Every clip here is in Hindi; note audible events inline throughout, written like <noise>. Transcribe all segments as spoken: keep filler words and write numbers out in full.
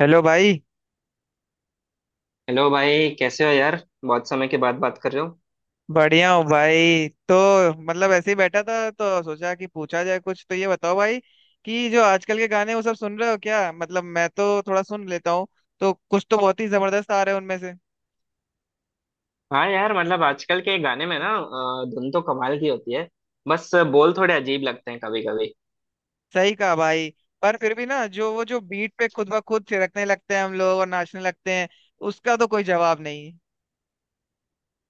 हेलो भाई। हेलो भाई, कैसे हो यार? बहुत समय के बाद बात कर रहे हो। बढ़िया हूँ भाई। तो मतलब ऐसे ही बैठा था तो सोचा कि पूछा जाए कुछ। तो ये बताओ भाई कि जो आजकल के गाने वो सब सुन रहे हो क्या? मतलब मैं तो थोड़ा सुन लेता हूँ तो कुछ तो बहुत ही जबरदस्त आ रहे हैं उनमें से। हाँ यार, मतलब आजकल के गाने में ना अ, धुन तो कमाल की होती है। बस बोल थोड़े अजीब लगते हैं कभी कभी। सही कहा भाई। पर फिर भी ना जो वो जो बीट पे खुद ब खुद थिरकने लगते हैं हम लोग और नाचने लगते हैं, उसका तो कोई जवाब नहीं।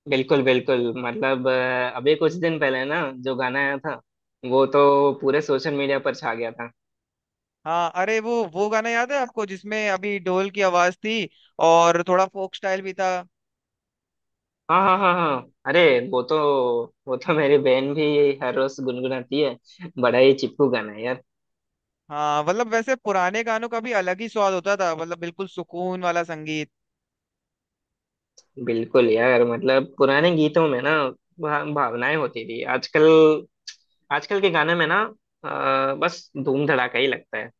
बिल्कुल बिल्कुल, मतलब अ, अभी कुछ दिन पहले ना जो गाना आया था वो तो पूरे सोशल मीडिया पर छा गया था। हाँ अरे वो वो गाना याद है आपको जिसमें अभी ढोल की आवाज थी और थोड़ा फोक स्टाइल भी था? हाँ हाँ हाँ हाँ, अरे वो तो वो तो मेरी बहन भी हर रोज गुनगुनाती है। बड़ा ही चिपकू गाना है यार। हाँ मतलब वैसे पुराने गानों का भी अलग ही स्वाद होता था। मतलब बिल्कुल सुकून वाला संगीत। बिल्कुल यार, मतलब पुराने गीतों में ना भा- भावनाएं होती थी आजकल। आजकल के गाने में ना, अ, बस धूम धड़ाका ही लगता है।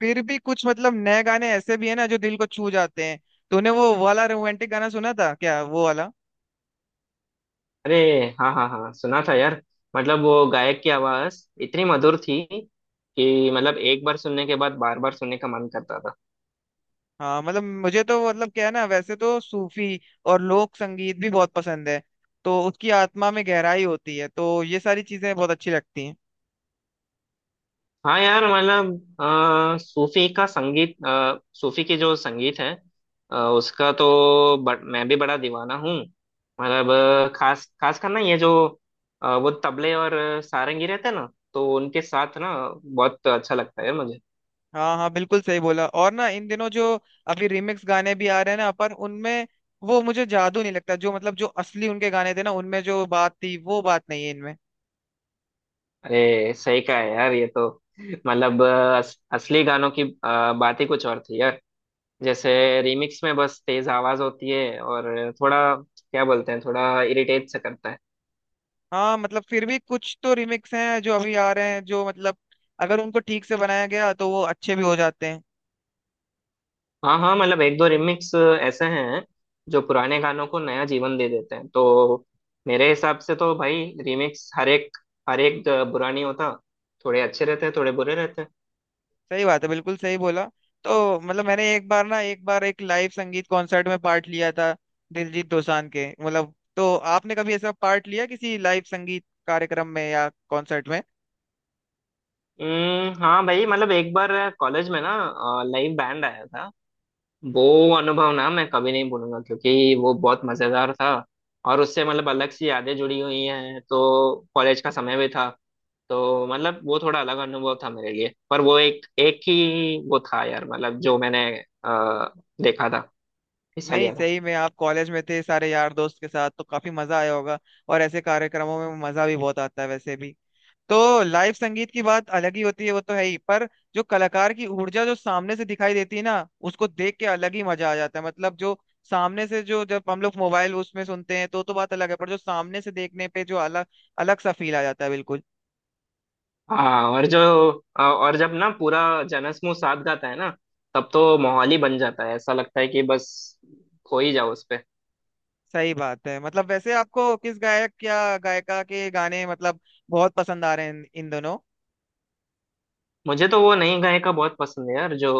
फिर भी कुछ मतलब नए गाने ऐसे भी है ना जो दिल को छू जाते हैं। तूने वो वाला रोमांटिक गाना सुना था क्या, वो वाला? अरे, हाँ हाँ हाँ, सुना था यार। मतलब वो गायक की आवाज इतनी मधुर थी कि मतलब एक बार सुनने के बाद बार बार सुनने का मन करता था। हाँ मतलब मुझे तो मतलब क्या है ना, वैसे तो सूफी और लोक संगीत भी बहुत पसंद है तो उसकी आत्मा में गहराई होती है तो ये सारी चीजें बहुत अच्छी लगती हैं। हाँ यार, मतलब अ, सूफी का संगीत, अ, सूफी के जो संगीत है, अ, उसका तो ब, मैं भी बड़ा दीवाना हूँ। मतलब अ, खास खास कर ना, ये जो अ, वो तबले और सारंगी रहते हैं ना तो उनके साथ ना बहुत अच्छा लगता है मुझे। हाँ हाँ बिल्कुल सही बोला। और ना इन दिनों जो अभी रिमिक्स गाने भी आ रहे हैं ना, पर उनमें वो मुझे जादू नहीं लगता, जो मतलब जो असली उनके गाने थे ना उनमें जो बात थी वो बात नहीं है इनमें। अरे सही कहा है यार, ये तो मतलब अ, अस, असली गानों की अ, बात ही कुछ और थी यार। जैसे रीमिक्स में बस तेज आवाज होती है और थोड़ा, क्या बोलते हैं, थोड़ा इरिटेट सा करता है। हाँ मतलब फिर भी कुछ तो रिमिक्स हैं जो अभी आ रहे हैं, जो मतलब अगर उनको ठीक से बनाया गया तो वो अच्छे भी हो जाते हैं। हाँ हाँ, मतलब एक दो रिमिक्स ऐसे हैं जो पुराने गानों को नया जीवन दे देते हैं। तो मेरे हिसाब से तो भाई, रीमिक्स हर एक, हर एक बुरा नहीं होता। थोड़े अच्छे रहते हैं, थोड़े बुरे रहते हैं। सही बात है, बिल्कुल सही बोला। तो मतलब मैंने एक बार ना, एक बार एक लाइव संगीत कॉन्सर्ट में पार्ट लिया था, दिलजीत दोसांझ के। मतलब तो आपने कभी ऐसा पार्ट लिया किसी लाइव संगीत कार्यक्रम में या कॉन्सर्ट में? हम्म, हाँ भाई, मतलब एक बार कॉलेज में ना लाइव बैंड आया था। वो अनुभव ना मैं कभी नहीं भूलूंगा, क्योंकि वो बहुत मजेदार था। और उससे मतलब अलग सी यादें जुड़ी हुई हैं, तो कॉलेज का समय भी था। तो मतलब वो थोड़ा अलग अनुभव था मेरे लिए। पर वो एक एक ही वो था यार, मतलब जो मैंने अ, देखा था, हिस्सा नहीं लिया था। सही में आप कॉलेज में थे सारे यार दोस्त के साथ तो काफी मजा आया होगा, और ऐसे कार्यक्रमों में मजा भी बहुत आता है वैसे भी। तो लाइव संगीत की बात अलग ही होती है, वो तो है ही। पर जो कलाकार की ऊर्जा जो सामने से दिखाई देती है ना, उसको देख के अलग ही मजा आ जाता है। मतलब जो सामने से जो, जब हम लोग मोबाइल उसमें सुनते हैं तो तो बात अलग है, पर जो सामने से देखने पे जो अलग अलग सा फील आ जाता है, बिल्कुल। हाँ, और जो अ, और जब ना पूरा जनसमूह साथ गाता है ना, तब तो माहौल ही बन जाता है। ऐसा लगता है कि बस खो ही जाओ उस। सही बात है। मतलब वैसे आपको किस गायक या गायिका के गाने मतलब बहुत पसंद आ रहे हैं इन इन दोनों? मुझे तो वो नई गायिका बहुत पसंद है यार, जो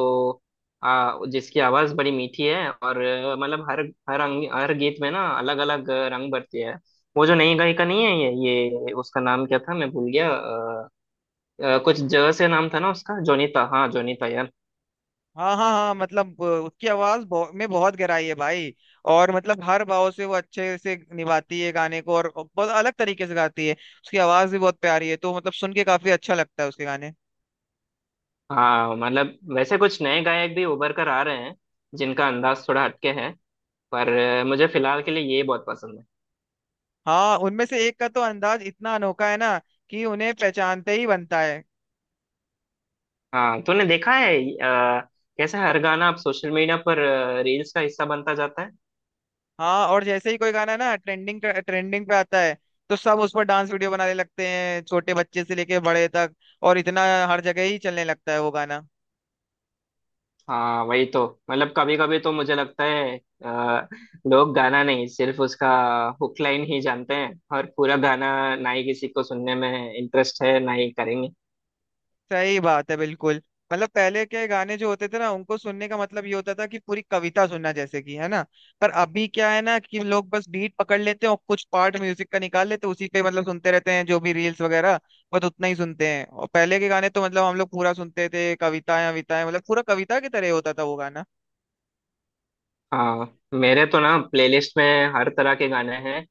आ, जिसकी आवाज बड़ी मीठी है और अ, मतलब हर हर अंग, हर गीत में ना अलग अलग रंग भरती है। वो जो नई गायिका नहीं है, ये ये उसका नाम क्या था, मैं भूल गया। अ, अ, कुछ जगह से नाम था ना उसका, जोनीता, हाँ जोनीता यार। हाँ हाँ हाँ। मतलब अ, उसकी आवाज बहु, में बहुत गहराई है भाई। और मतलब हर भाव से वो अच्छे से निभाती है गाने को, और बहुत अलग तरीके से गाती है। उसकी आवाज भी बहुत प्यारी है तो मतलब सुन के काफी अच्छा लगता है उसके गाने। हाँ, मतलब वैसे कुछ नए गायक भी उभर कर आ रहे हैं, जिनका अंदाज थोड़ा हटके है। पर अ, मुझे फिलहाल के लिए ये बहुत पसंद है। हाँ उनमें से एक का तो अंदाज इतना अनोखा है ना कि उन्हें पहचानते ही बनता है। हाँ तूने देखा है अ, कैसे हर गाना अब सोशल मीडिया पर रील्स का हिस्सा बनता जाता है? हाँ, और जैसे ही कोई गाना ना ट्रेंडिंग ट्रेंडिंग पे आता है तो सब उस पर डांस वीडियो बनाने लगते हैं, छोटे बच्चे से लेके बड़े तक, और इतना हर जगह ही चलने लगता है वो गाना। हाँ वही तो। मतलब कभी कभी तो मुझे लगता है, अ, लोग गाना नहीं, सिर्फ उसका हुक लाइन ही जानते हैं। और पूरा गाना ना ही किसी को सुनने में इंटरेस्ट है, ना ही करेंगे। सही बात है, बिल्कुल। मतलब पहले के गाने जो होते थे ना, उनको सुनने का मतलब ये होता था कि पूरी कविता सुनना जैसे कि, है ना? पर अभी क्या है ना कि लोग बस बीट पकड़ लेते हैं और कुछ पार्ट म्यूजिक का निकाल लेते हैं, उसी पे मतलब सुनते रहते हैं, जो भी रील्स वगैरह बस उतना ही सुनते हैं। और पहले के गाने तो मतलब हम लोग पूरा सुनते थे, कविताएं विताएं, मतलब पूरा कविता की तरह होता था वो गाना। हाँ, मेरे तो ना प्लेलिस्ट में हर तरह के गाने हैं।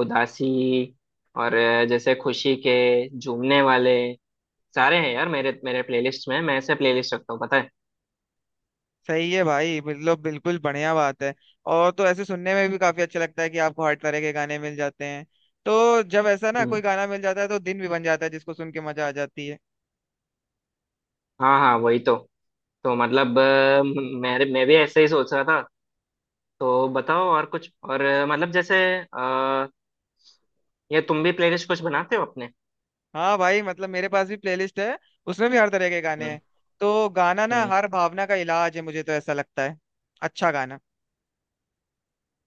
उदासी और अ, जैसे खुशी के झूमने वाले, सारे हैं यार मेरे मेरे प्लेलिस्ट में। मैं ऐसे प्लेलिस्ट रखता हूँ, पता है। सही है भाई, मतलब बिल्कुल बढ़िया बात है। और तो ऐसे सुनने में भी काफी अच्छा लगता है कि आपको हर तरह के गाने मिल जाते हैं, तो जब ऐसा ना कोई हम्म, गाना मिल जाता है तो दिन भी बन जाता है, जिसको सुन के मजा आ जाती है। हाँ हाँ, वही तो। तो मतलब अ, म- मेरे मैं भी ऐसे ही सोच रहा था। तो बताओ, और कुछ और अ, मतलब जैसे अ, ये तुम भी प्लेलिस्ट कुछ बनाते हो अपने? हाँ भाई मतलब मेरे पास भी प्लेलिस्ट है, उसमें भी हर तरह के गाने हम्म। हैं। तो गाना ना हम्म। हर भावना का इलाज है, मुझे तो ऐसा लगता है। अच्छा गाना।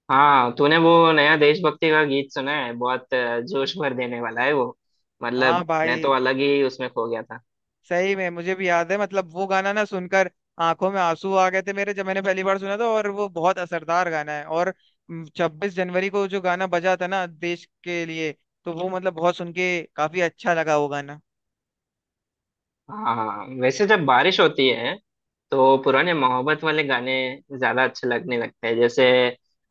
हाँ, तूने वो नया देशभक्ति का गीत सुना है? बहुत अ, जोश भर देने वाला है वो। हाँ मतलब मैं तो भाई। अलग ही उसमें खो गया था। सही में मुझे भी याद है, मतलब वो गाना ना सुनकर आंखों में आंसू आ गए थे मेरे, जब मैंने पहली बार सुना था, और वो बहुत असरदार गाना है। और छब्बीस जनवरी को जो गाना बजा था ना देश के लिए, तो वो मतलब बहुत सुन के काफी अच्छा लगा वो गाना। हाँ हाँ, हाँ। वैसे जब बारिश होती है तो पुराने मोहब्बत वाले गाने ज्यादा अच्छे लगने लगते हैं। जैसे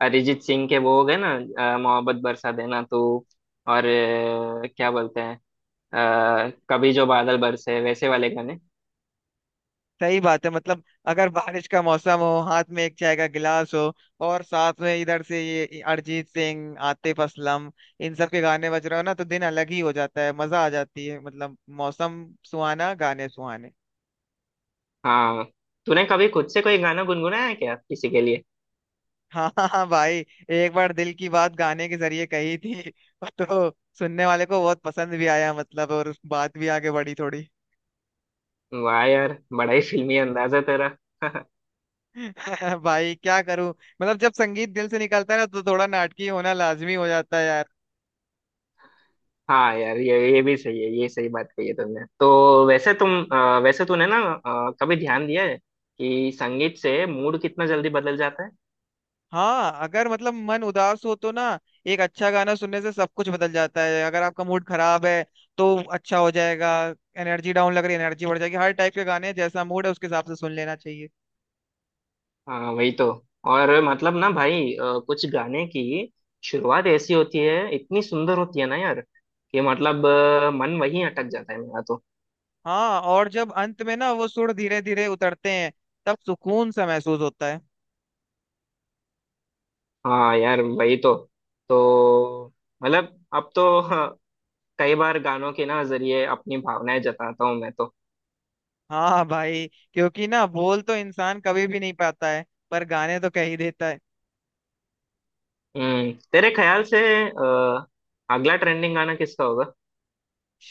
अरिजीत सिंह के वो हो गए ना, अ, मोहब्बत बरसा देना तू, और अ, क्या बोलते हैं, अ, कभी जो बादल बरसे, वैसे वाले गाने। सही बात है। मतलब अगर बारिश का मौसम हो, हाथ में एक चाय का गिलास हो और साथ में इधर से ये अरिजीत सिंह, आतिफ असलम, इन सब के गाने बज रहे हो ना, तो दिन अलग ही हो जाता है, मजा आ जाती है। मतलब मौसम सुहाना, गाने सुहाने। हाँ, तूने कभी खुद से कोई गाना गुनगुनाया है क्या किसी के लिए? <laughs> हाँ हाँ हाँ भाई। एक बार दिल की बात गाने के जरिए कही थी। <laughs> तो सुनने वाले को बहुत पसंद भी आया, मतलब, और बात भी आगे बढ़ी थोड़ी। वाह यार, बड़ा ही फिल्मी अंदाजा तेरा। <laughs> <laughs> भाई क्या करूं। मतलब जब संगीत दिल से निकलता है ना तो थोड़ा नाटकी होना लाजमी हो जाता है यार। हाँ यार, ये ये भी सही है। ये सही बात कही है तुमने। तो वैसे तुम अ, वैसे तूने ना अ, कभी ध्यान दिया है कि संगीत से मूड कितना जल्दी बदल जाता है? हाँ अगर मतलब मन उदास हो तो ना एक अच्छा गाना सुनने से सब कुछ बदल जाता है। अगर आपका मूड खराब है तो अच्छा हो जाएगा, एनर्जी डाउन लग रही है एनर्जी बढ़ जाएगी। हर टाइप के गाने हैं, जैसा मूड है उसके हिसाब से सुन लेना चाहिए। हाँ वही तो। और मतलब ना भाई, अ, कुछ गाने की शुरुआत ऐसी होती है, इतनी सुंदर होती है ना यार, कि मतलब अ, मन वहीं अटक जाता है मेरा तो। हाँ, और जब अंत में ना वो सुर धीरे धीरे उतरते हैं तब सुकून सा महसूस होता है। हाँ यार वही तो। तो मतलब अब तो <laughs> कई बार गानों के ना जरिए अपनी भावनाएं जताता हूँ मैं तो। हाँ भाई, क्योंकि ना बोल तो इंसान कभी भी नहीं पाता है, पर गाने तो कह ही देता है। हम्म। तेरे ख्याल से अ, अगला ट्रेंडिंग गाना किसका होगा?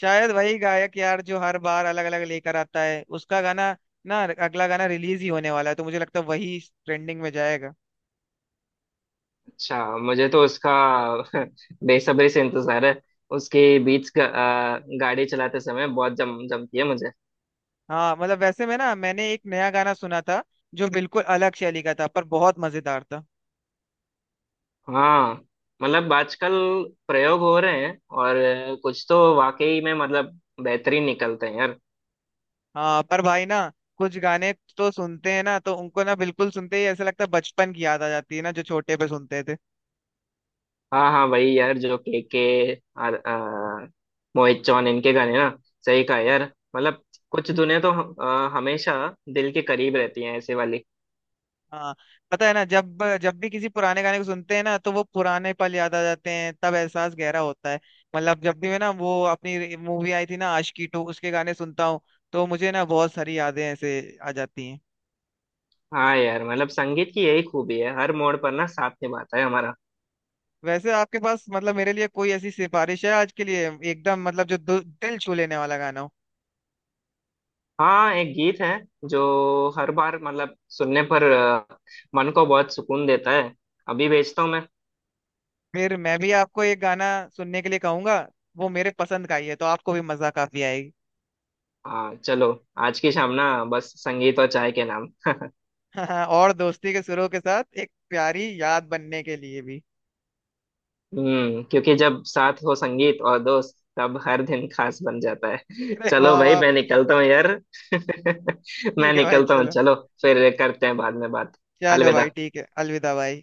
शायद वही गायक यार जो हर बार अलग अलग लेकर आता है, उसका गाना ना अगला गाना रिलीज ही होने वाला है तो मुझे लगता है वही ट्रेंडिंग में जाएगा। अच्छा, मुझे तो उसका <laughs> बेसब्री से इंतजार है। उसकी बीट्स गाड़ी चलाते समय बहुत जम जमती है मुझे। हाँ मतलब वैसे में ना मैंने एक नया गाना सुना था जो बिल्कुल अलग शैली का था पर बहुत मजेदार था। हाँ, मतलब आजकल प्रयोग हो रहे हैं, और कुछ तो वाकई में मतलब बेहतरीन निकलते हैं यार। हाँ पर भाई ना कुछ गाने तो सुनते हैं ना तो उनको ना बिल्कुल सुनते ही ऐसा लगता है, बचपन की याद आ जाती है ना, जो छोटे पे सुनते थे। हाँ हाँ, वही यार, जो के के और आ, मोहित चौहान, इनके गाने ना, सही कहा यार। मतलब कुछ धुनें तो हम- आ, हमेशा दिल के करीब रहती हैं, ऐसे वाली। हाँ पता है ना, जब जब भी किसी पुराने गाने को सुनते हैं ना तो वो पुराने पल याद आ जाते हैं, तब एहसास गहरा होता है। मतलब जब भी मैं ना, वो अपनी मूवी आई थी ना, आशिकी टू, उसके गाने सुनता हूँ तो मुझे ना बहुत सारी यादें ऐसे आ जाती हैं। हाँ यार, मतलब संगीत की यही खूबी है, हर मोड़ पर ना साथ निभाता है हमारा। वैसे आपके पास मतलब मेरे लिए कोई ऐसी सिफारिश है आज के लिए, एकदम मतलब जो दु- दिल छू लेने वाला गाना हो? हाँ, एक गीत है जो हर बार मतलब सुनने पर आ, मन को बहुत सुकून देता है। अभी भेजता हूँ मैं। फिर मैं भी आपको एक गाना सुनने के लिए कहूंगा। वो मेरे पसंद का ही है तो आपको भी मजा काफी आएगी। हाँ चलो, आज की शाम ना बस संगीत और चाय के नाम। <laughs> और दोस्ती के सुरों के साथ एक प्यारी याद बनने के लिए भी। <laughs> हम्म क्योंकि जब साथ हो संगीत और दोस्त, तब हर दिन खास बन जाता है। अरे चलो वाह भाई, वाह मैं भाई। निकलता हूँ यार। <laughs> मैं ठीक है भाई, निकलता हूँ, चलो। चलो। फिर करते हैं बाद में बात। चलो भाई, अलविदा। ठीक है, अलविदा भाई।